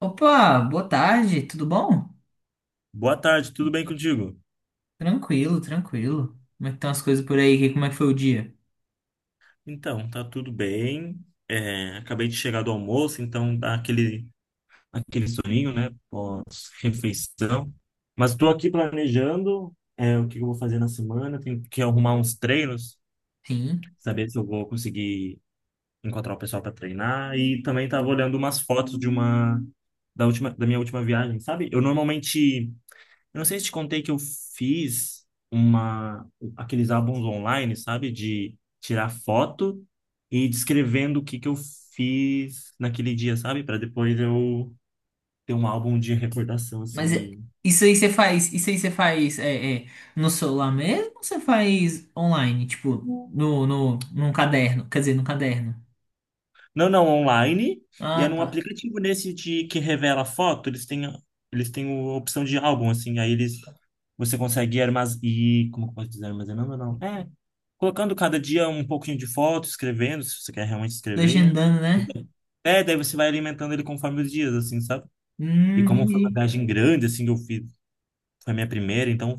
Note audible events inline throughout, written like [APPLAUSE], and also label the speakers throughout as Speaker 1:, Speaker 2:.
Speaker 1: Opa, boa tarde, tudo bom?
Speaker 2: Boa tarde, tudo bem contigo?
Speaker 1: Tranquilo, tranquilo. Como é que estão as coisas por aí? Como é que foi o dia?
Speaker 2: Então, tá tudo bem. É, acabei de chegar do almoço, então dá aquele soninho, né? Pós-refeição. Mas estou aqui planejando, o que eu vou fazer na semana. Tenho que arrumar uns treinos,
Speaker 1: Sim.
Speaker 2: saber se eu vou conseguir encontrar o pessoal para treinar. E também estava olhando umas fotos de uma da última, da minha última viagem, sabe? Eu não sei se te contei que eu fiz uma aqueles álbuns online, sabe, de tirar foto e descrevendo o que que eu fiz naquele dia, sabe, para depois eu ter um álbum de recordação assim.
Speaker 1: Mas isso aí você faz no celular mesmo ou você faz online? Tipo, no, no, num caderno, quer dizer, num caderno.
Speaker 2: Não, não, online. E é
Speaker 1: Ah,
Speaker 2: num
Speaker 1: tá.
Speaker 2: aplicativo nesse de que revela foto, eles têm a opção de álbum assim, aí eles você consegue armazenar e como que eu posso dizer, armazenando ou não? É, colocando cada dia um pouquinho de foto, escrevendo, se você quer realmente escrever.
Speaker 1: Legendando, né?
Speaker 2: É, daí você vai alimentando ele conforme os dias, assim, sabe? E como foi uma
Speaker 1: Entendi.
Speaker 2: viagem grande, assim, que eu fiz, foi a minha primeira, então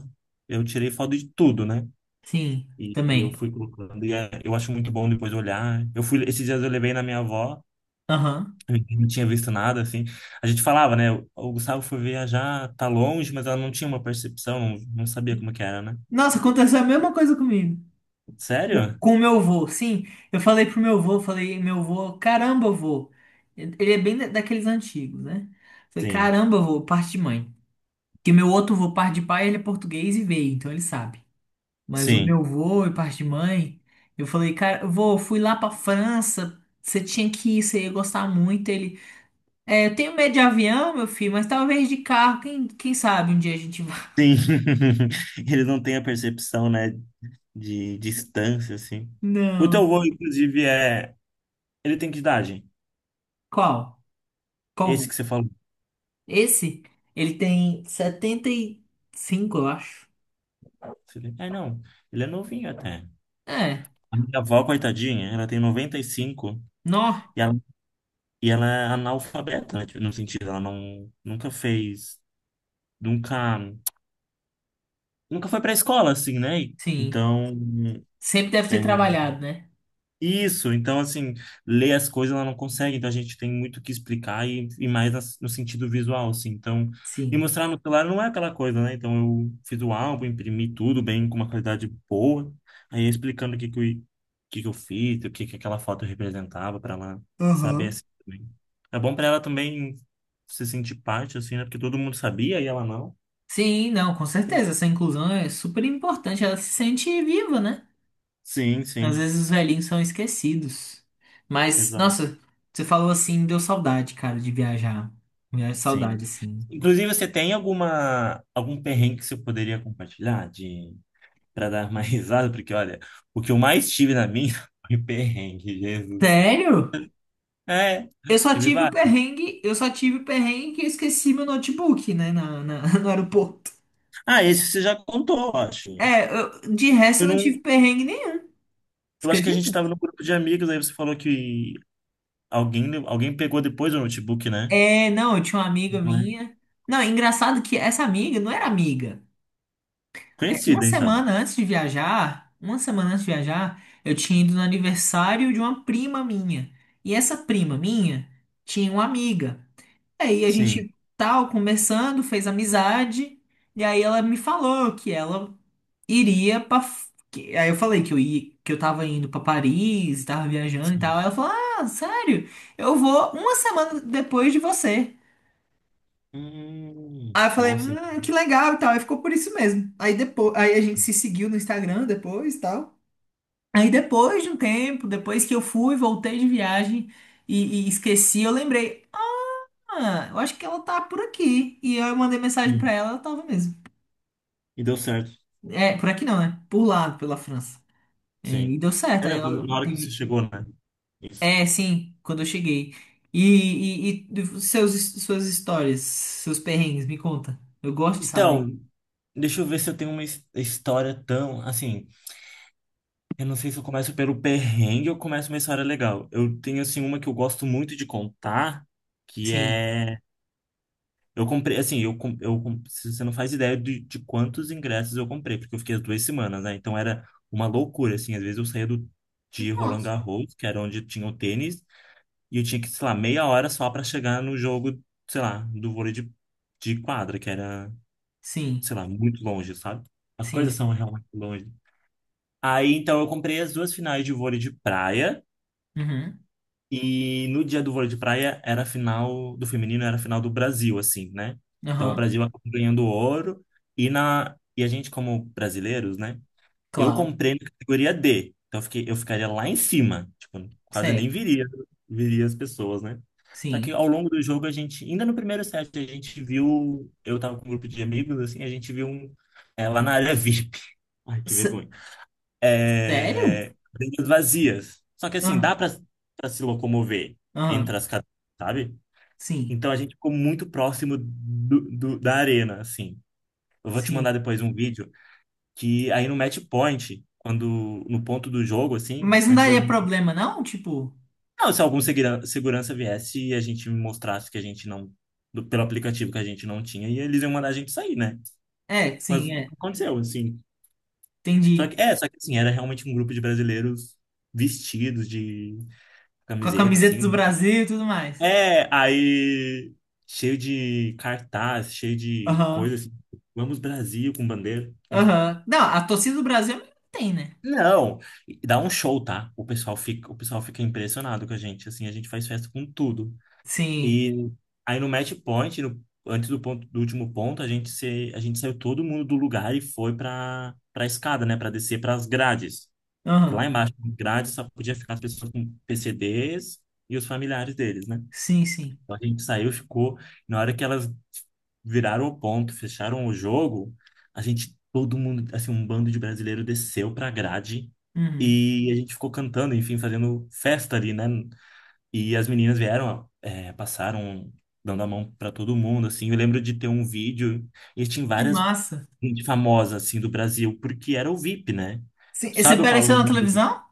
Speaker 2: eu tirei foto de tudo, né?
Speaker 1: Sim,
Speaker 2: E eu
Speaker 1: também.
Speaker 2: fui colocando, e eu acho muito bom depois olhar. Eu fui, esses dias eu levei na minha avó,
Speaker 1: Aham.
Speaker 2: eu não tinha visto nada, assim. A gente falava, né? O Gustavo foi viajar, tá longe, mas ela não tinha uma percepção, não, não sabia como que era, né?
Speaker 1: Nossa, aconteceu a mesma coisa comigo.
Speaker 2: Sério?
Speaker 1: Com o meu avô, sim. Eu falei pro meu avô, falei, meu avô, caramba, avô. Ele é bem daqueles antigos, né? Falei,
Speaker 2: Sim,
Speaker 1: caramba, avô, parte de mãe. Porque meu outro avô, parte de pai, ele é português e veio, então ele sabe.
Speaker 2: sim,
Speaker 1: Mas o meu
Speaker 2: sim.
Speaker 1: avô e parte de mãe, eu falei, cara, avô, eu fui lá pra França, você tinha que ir, você ia gostar muito. Ele, eu tenho medo de avião, meu filho, mas talvez de carro, quem sabe um dia a gente vai.
Speaker 2: [LAUGHS] Ele não tem a percepção, né, de distância, assim.
Speaker 1: [LAUGHS]
Speaker 2: O teu
Speaker 1: Não.
Speaker 2: avô, inclusive, é. Ele tem que idade?
Speaker 1: Qual?
Speaker 2: Esse
Speaker 1: Qual?
Speaker 2: que você falou?
Speaker 1: Esse, ele tem 75, eu acho.
Speaker 2: É, não. Ele é novinho até.
Speaker 1: É,
Speaker 2: A minha avó, coitadinha, ela tem 95 e cinco
Speaker 1: nó,
Speaker 2: e ela é analfabeta, né? Tipo, no sentido, ela não, nunca fez, nunca, nunca foi pra escola, assim, né?
Speaker 1: sim.
Speaker 2: Então,
Speaker 1: Sempre deve ter
Speaker 2: é,
Speaker 1: trabalhado, né?
Speaker 2: isso, então assim, ler as coisas ela não consegue, então a gente tem muito o que explicar e mais no sentido visual, assim. Então, e
Speaker 1: Sim.
Speaker 2: mostrar no celular não é aquela coisa, né? Então eu fiz o álbum, imprimi tudo bem, com uma qualidade boa, aí explicando o que que eu fiz, o que que aquela foto representava para ela saber
Speaker 1: Aham.
Speaker 2: assim também. É bom para ela também se sentir parte, assim, né? Porque todo mundo sabia e ela não.
Speaker 1: Sim, não, com certeza. Essa inclusão é super importante. Ela se sente viva, né?
Speaker 2: Sim,
Speaker 1: Às
Speaker 2: sim,
Speaker 1: vezes os velhinhos são esquecidos. Mas,
Speaker 2: exato.
Speaker 1: nossa, você falou assim, deu saudade, cara, de viajar. Viajar
Speaker 2: Sim.
Speaker 1: saudade, assim.
Speaker 2: Inclusive, você tem algum perrengue que você poderia compartilhar de para dar mais [LAUGHS] risada? Porque, olha, o que eu mais tive na minha [LAUGHS] foi perrengue, Jesus.
Speaker 1: Sério?
Speaker 2: É, tive vários.
Speaker 1: Eu só tive o perrengue que eu esqueci meu notebook, né, [LAUGHS] no aeroporto.
Speaker 2: Ah, esse você já contou, eu acho.
Speaker 1: É, de resto
Speaker 2: Foi
Speaker 1: eu não
Speaker 2: num,
Speaker 1: tive perrengue nenhum. Você
Speaker 2: eu acho que a gente
Speaker 1: acredita?
Speaker 2: estava num grupo de amigos, aí você falou que alguém pegou depois o notebook, né?
Speaker 1: É, não, eu tinha uma amiga
Speaker 2: Não é?
Speaker 1: minha. Não, é engraçado que essa amiga não era amiga. É, uma
Speaker 2: Conhecida, então.
Speaker 1: semana antes de viajar, eu tinha ido no aniversário de uma prima minha. E essa prima minha tinha uma amiga. Aí a
Speaker 2: Sim,
Speaker 1: gente tal, conversando, fez amizade. E aí ela me falou que ela iria pra. Aí eu falei que eu ia, que eu tava indo pra Paris, tava viajando e
Speaker 2: sim.
Speaker 1: tal. Aí ela falou: Ah, sério? Eu vou uma semana depois de você. Aí eu falei:
Speaker 2: Nossa,
Speaker 1: Que legal e tal. Aí ficou por isso mesmo. Aí depois, aí a gente se seguiu no Instagram depois e tal. Aí depois de um tempo, depois que eu fui, voltei de viagem e esqueci, eu lembrei: Ah, eu acho que ela tá por aqui. E aí eu mandei mensagem pra
Speaker 2: sim.
Speaker 1: ela, ela tava mesmo.
Speaker 2: E deu certo,
Speaker 1: É, por aqui não, né? Por lá, pela França. É, e
Speaker 2: sim.
Speaker 1: deu
Speaker 2: É,
Speaker 1: certo. Aí
Speaker 2: não,
Speaker 1: eu
Speaker 2: na hora que você
Speaker 1: pedi.
Speaker 2: chegou, né?
Speaker 1: É, sim, quando eu cheguei. E, e suas histórias, seus perrengues, me conta. Eu gosto de saber.
Speaker 2: Então, deixa eu ver se eu tenho uma história tão, assim, eu não sei se eu começo pelo perrengue ou começo uma história legal. Eu tenho, assim, uma que eu gosto muito de contar, que
Speaker 1: Sim,
Speaker 2: é, eu comprei, assim, você não faz ideia de quantos ingressos eu comprei, porque eu fiquei as 2 semanas, né? Então era uma loucura, assim, às vezes eu saía de Roland
Speaker 1: nossa,
Speaker 2: Garros, que era onde tinha o tênis, e eu tinha que, sei lá, meia hora só para chegar no jogo, sei lá, do vôlei de quadra, que era
Speaker 1: sim,
Speaker 2: sei lá, muito longe, sabe? As
Speaker 1: sim,
Speaker 2: coisas são
Speaker 1: sim.
Speaker 2: realmente longe. Aí, então, eu comprei as duas finais de vôlei de praia.
Speaker 1: Uhum,
Speaker 2: E no dia do vôlei de praia era a final do feminino, era a final do Brasil, assim, né? Então, o
Speaker 1: aham,
Speaker 2: Brasil acabou ganhando ouro. E a gente, como brasileiros, né? Eu
Speaker 1: claro,
Speaker 2: comprei na categoria D. Então eu fiquei, eu ficaria lá em cima. Tipo, quase nem
Speaker 1: certo,
Speaker 2: viria as pessoas, né? Só que
Speaker 1: sim.
Speaker 2: ao longo do jogo a gente, ainda no primeiro set, a gente viu, eu tava com um grupo de amigos, assim, a gente viu um, lá na área [LAUGHS] VIP. Ai, que
Speaker 1: S-
Speaker 2: vergonha.
Speaker 1: Sério?
Speaker 2: É, cadeiras vazias. Só que assim,
Speaker 1: Ah,
Speaker 2: dá pra se locomover entre
Speaker 1: aham,
Speaker 2: as cadeiras, sabe?
Speaker 1: sim,
Speaker 2: Então a gente ficou muito próximo da arena, assim. Eu vou te mandar
Speaker 1: sim.
Speaker 2: depois um vídeo que aí no match point, quando no ponto do jogo, assim,
Speaker 1: Mas não
Speaker 2: antes das.
Speaker 1: daria problema, não? Tipo,
Speaker 2: Não, se segurança viesse e a gente mostrasse que a gente não. Pelo aplicativo que a gente não tinha, e eles iam mandar a gente sair, né?
Speaker 1: é,
Speaker 2: Mas
Speaker 1: sim,
Speaker 2: não
Speaker 1: é,
Speaker 2: aconteceu, assim. Só
Speaker 1: entendi.
Speaker 2: que, só que assim, era realmente um grupo de brasileiros vestidos de
Speaker 1: Com a
Speaker 2: camiseta,
Speaker 1: camiseta
Speaker 2: assim,
Speaker 1: do
Speaker 2: né?
Speaker 1: Brasil e tudo mais.
Speaker 2: É, aí. Cheio de cartaz, cheio de coisa
Speaker 1: Aham,
Speaker 2: assim. Vamos Brasil com bandeira, enfim.
Speaker 1: aham. Não, a torcida do Brasil tem, né?
Speaker 2: Não, e dá um show, tá? O pessoal fica impressionado com a gente, assim, a gente faz festa com tudo.
Speaker 1: Sim,
Speaker 2: E aí no match point, antes do ponto, do último ponto, a gente se, a gente saiu todo mundo do lugar e foi pra para escada, né, pra descer pras grades. Porque lá
Speaker 1: aham,
Speaker 2: embaixo, nas grades, só podia ficar as pessoas com PCDs e os familiares deles, né?
Speaker 1: sim, sim.
Speaker 2: Então a gente saiu, ficou. Na hora que elas viraram o ponto, fecharam o jogo, a gente, todo mundo, assim, um bando de brasileiro desceu pra grade
Speaker 1: Uhum.
Speaker 2: e a gente ficou cantando, enfim, fazendo festa ali, né? E as meninas vieram, passaram dando a mão pra todo mundo, assim. Eu lembro de ter um vídeo e tinha
Speaker 1: Que
Speaker 2: várias
Speaker 1: massa.
Speaker 2: gente famosa, assim, do Brasil, porque era o VIP, né?
Speaker 1: Sim, e você
Speaker 2: Sabe o Paulo
Speaker 1: apareceu na
Speaker 2: André?
Speaker 1: televisão?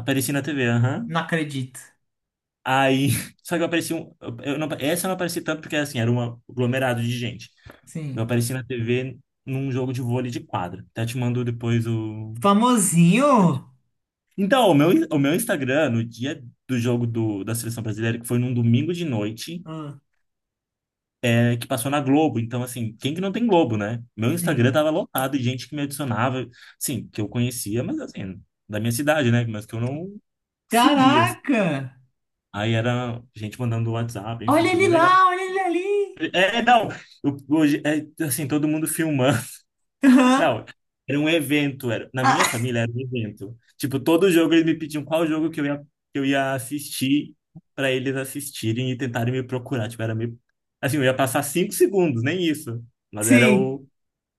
Speaker 2: Aparecia na TV,
Speaker 1: Não
Speaker 2: aham.
Speaker 1: acredito.
Speaker 2: Aí, [LAUGHS] só que eu apareci um, eu não, essa eu não apareci tanto porque assim, era um aglomerado de gente. Eu
Speaker 1: Sim.
Speaker 2: apareci na TV num jogo de vôlei de quadra. Até te mando depois o.
Speaker 1: Famosinho?
Speaker 2: Então, o meu Instagram, no dia do jogo da Seleção Brasileira, que foi num domingo de noite,
Speaker 1: Ah,
Speaker 2: que passou na Globo. Então, assim, quem que não tem Globo, né? Meu Instagram
Speaker 1: sim.
Speaker 2: tava lotado de gente que me adicionava, assim, que eu conhecia, mas assim, da minha cidade, né? Mas que eu não seguia, assim.
Speaker 1: Caraca!
Speaker 2: Aí era gente mandando WhatsApp, enfim,
Speaker 1: Olha
Speaker 2: foi
Speaker 1: ele
Speaker 2: bem legal.
Speaker 1: lá, olha ele ali.
Speaker 2: É, não, hoje, assim, todo mundo filmando. [LAUGHS]
Speaker 1: Aham.
Speaker 2: Não, era um evento, era, na minha
Speaker 1: Ah,
Speaker 2: família era um evento. Tipo, todo jogo eles me pediam qual jogo que eu ia assistir para eles assistirem e tentarem me procurar. Tipo, era meio, assim, eu ia passar 5 segundos, nem isso. Mas era
Speaker 1: sim.
Speaker 2: o,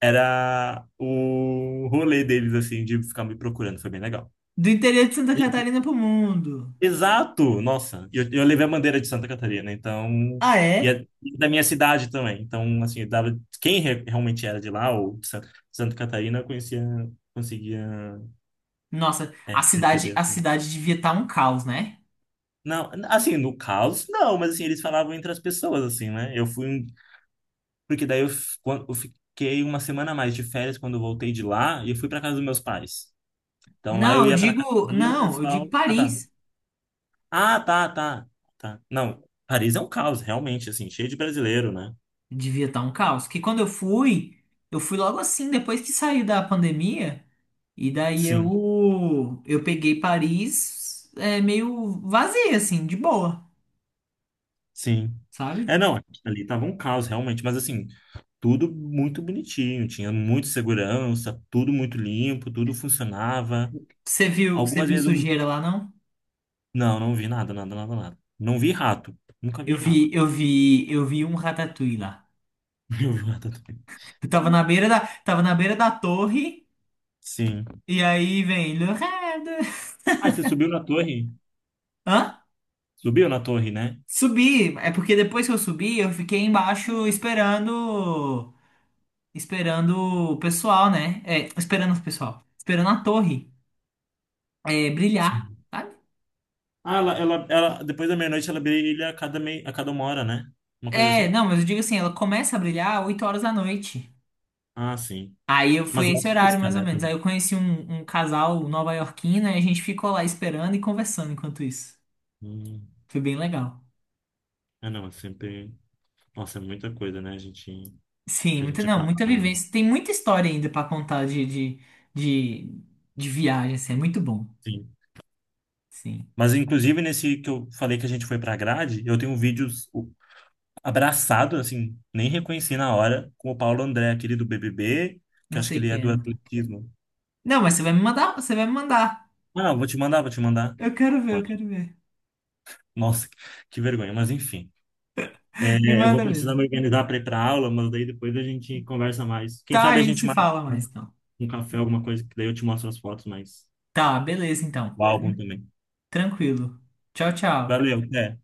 Speaker 2: era o rolê deles, assim, de ficar me procurando, foi bem legal.
Speaker 1: Do interior de Santa Catarina pro mundo.
Speaker 2: Exato! Nossa, eu levei a bandeira de Santa Catarina, então.
Speaker 1: Ah,
Speaker 2: E
Speaker 1: é?
Speaker 2: é da minha cidade também. Então, assim, eu dava, quem realmente era de lá, ou de Santa Catarina, eu conhecia, conseguia
Speaker 1: Nossa,
Speaker 2: perceber,
Speaker 1: a
Speaker 2: assim.
Speaker 1: cidade devia estar um caos, né?
Speaker 2: Não, assim, no caos, não, mas assim, eles falavam entre as pessoas, assim, né? Eu fui. Porque daí eu fiquei uma semana a mais de férias quando eu voltei de lá e eu fui para casa dos meus pais. Então lá eu
Speaker 1: Não, eu
Speaker 2: ia para casa
Speaker 1: digo,
Speaker 2: e o
Speaker 1: não, eu digo
Speaker 2: pessoal. Ah, tá.
Speaker 1: Paris.
Speaker 2: Ah, tá, tá. Tá. Não. Paris é um caos, realmente, assim, cheio de brasileiro, né?
Speaker 1: Devia estar um caos. Que quando eu fui, logo assim, depois que saiu da pandemia. E daí
Speaker 2: Sim,
Speaker 1: eu peguei Paris, meio vazia, assim, de boa,
Speaker 2: sim.
Speaker 1: sabe?
Speaker 2: É, não, ali tava um caos realmente, mas assim, tudo muito bonitinho, tinha muita segurança, tudo muito limpo, tudo funcionava.
Speaker 1: Você
Speaker 2: Algumas
Speaker 1: viu
Speaker 2: vezes eu...
Speaker 1: sujeira lá, não?
Speaker 2: Não, não vi nada, nada, nada, nada. Não vi rato. Nunca vi rato.
Speaker 1: Eu vi um ratatouille lá.
Speaker 2: [LAUGHS] Eu vi rato também.
Speaker 1: Eu tava na beira da torre,
Speaker 2: Sim.
Speaker 1: e aí vem... Le Rêve.
Speaker 2: Ah, você subiu na torre?
Speaker 1: Hã?
Speaker 2: Subiu na torre, né?
Speaker 1: Subi, é porque depois que eu subi, eu fiquei embaixo esperando esperando o pessoal, né? É, esperando o pessoal, esperando a torre, brilhar,
Speaker 2: Sim.
Speaker 1: sabe?
Speaker 2: Ah, depois da meia-noite ela brilha a cada uma hora, né? Uma coisa
Speaker 1: É,
Speaker 2: assim?
Speaker 1: não, mas eu digo assim, ela começa a brilhar 8 horas da noite.
Speaker 2: Ah, sim.
Speaker 1: Aí eu
Speaker 2: Mas
Speaker 1: foi esse
Speaker 2: ela
Speaker 1: horário
Speaker 2: pisca,
Speaker 1: mais ou
Speaker 2: né?
Speaker 1: menos. Aí
Speaker 2: Também.
Speaker 1: eu conheci um casal nova-iorquino e a gente ficou lá esperando e conversando enquanto isso.
Speaker 2: Hum.
Speaker 1: Foi bem legal.
Speaker 2: Ah, não, é sempre. Nossa, é muita coisa, né, gente,
Speaker 1: Sim,
Speaker 2: que a
Speaker 1: muita,
Speaker 2: gente
Speaker 1: não,
Speaker 2: acaba.
Speaker 1: muita vivência. Tem muita história ainda pra contar de, de, viagem, assim, é muito bom.
Speaker 2: Sim.
Speaker 1: Sim.
Speaker 2: Mas, inclusive, nesse que eu falei que a gente foi pra grade, eu tenho vídeos abraçado, assim, nem reconheci na hora, com o Paulo André, aquele do BBB, que
Speaker 1: Não
Speaker 2: acho que
Speaker 1: sei o
Speaker 2: ele
Speaker 1: que
Speaker 2: é do
Speaker 1: é, não.
Speaker 2: atletismo.
Speaker 1: Não, mas você vai me mandar, você vai me mandar.
Speaker 2: Ah, vou te mandar, vou te mandar.
Speaker 1: Eu quero ver, eu
Speaker 2: Pode.
Speaker 1: quero ver.
Speaker 2: Nossa, que vergonha, mas enfim.
Speaker 1: [LAUGHS] Me
Speaker 2: É, eu vou
Speaker 1: manda
Speaker 2: precisar me
Speaker 1: mesmo.
Speaker 2: organizar para ir para aula, mas daí depois a gente conversa mais. Quem
Speaker 1: Tá, a
Speaker 2: sabe a
Speaker 1: gente
Speaker 2: gente
Speaker 1: se
Speaker 2: marca
Speaker 1: fala mais então.
Speaker 2: um café, alguma coisa, que daí eu te mostro as fotos, mas
Speaker 1: Tá, beleza então.
Speaker 2: o álbum também.
Speaker 1: Tranquilo. Tchau, tchau.
Speaker 2: Valeu, até.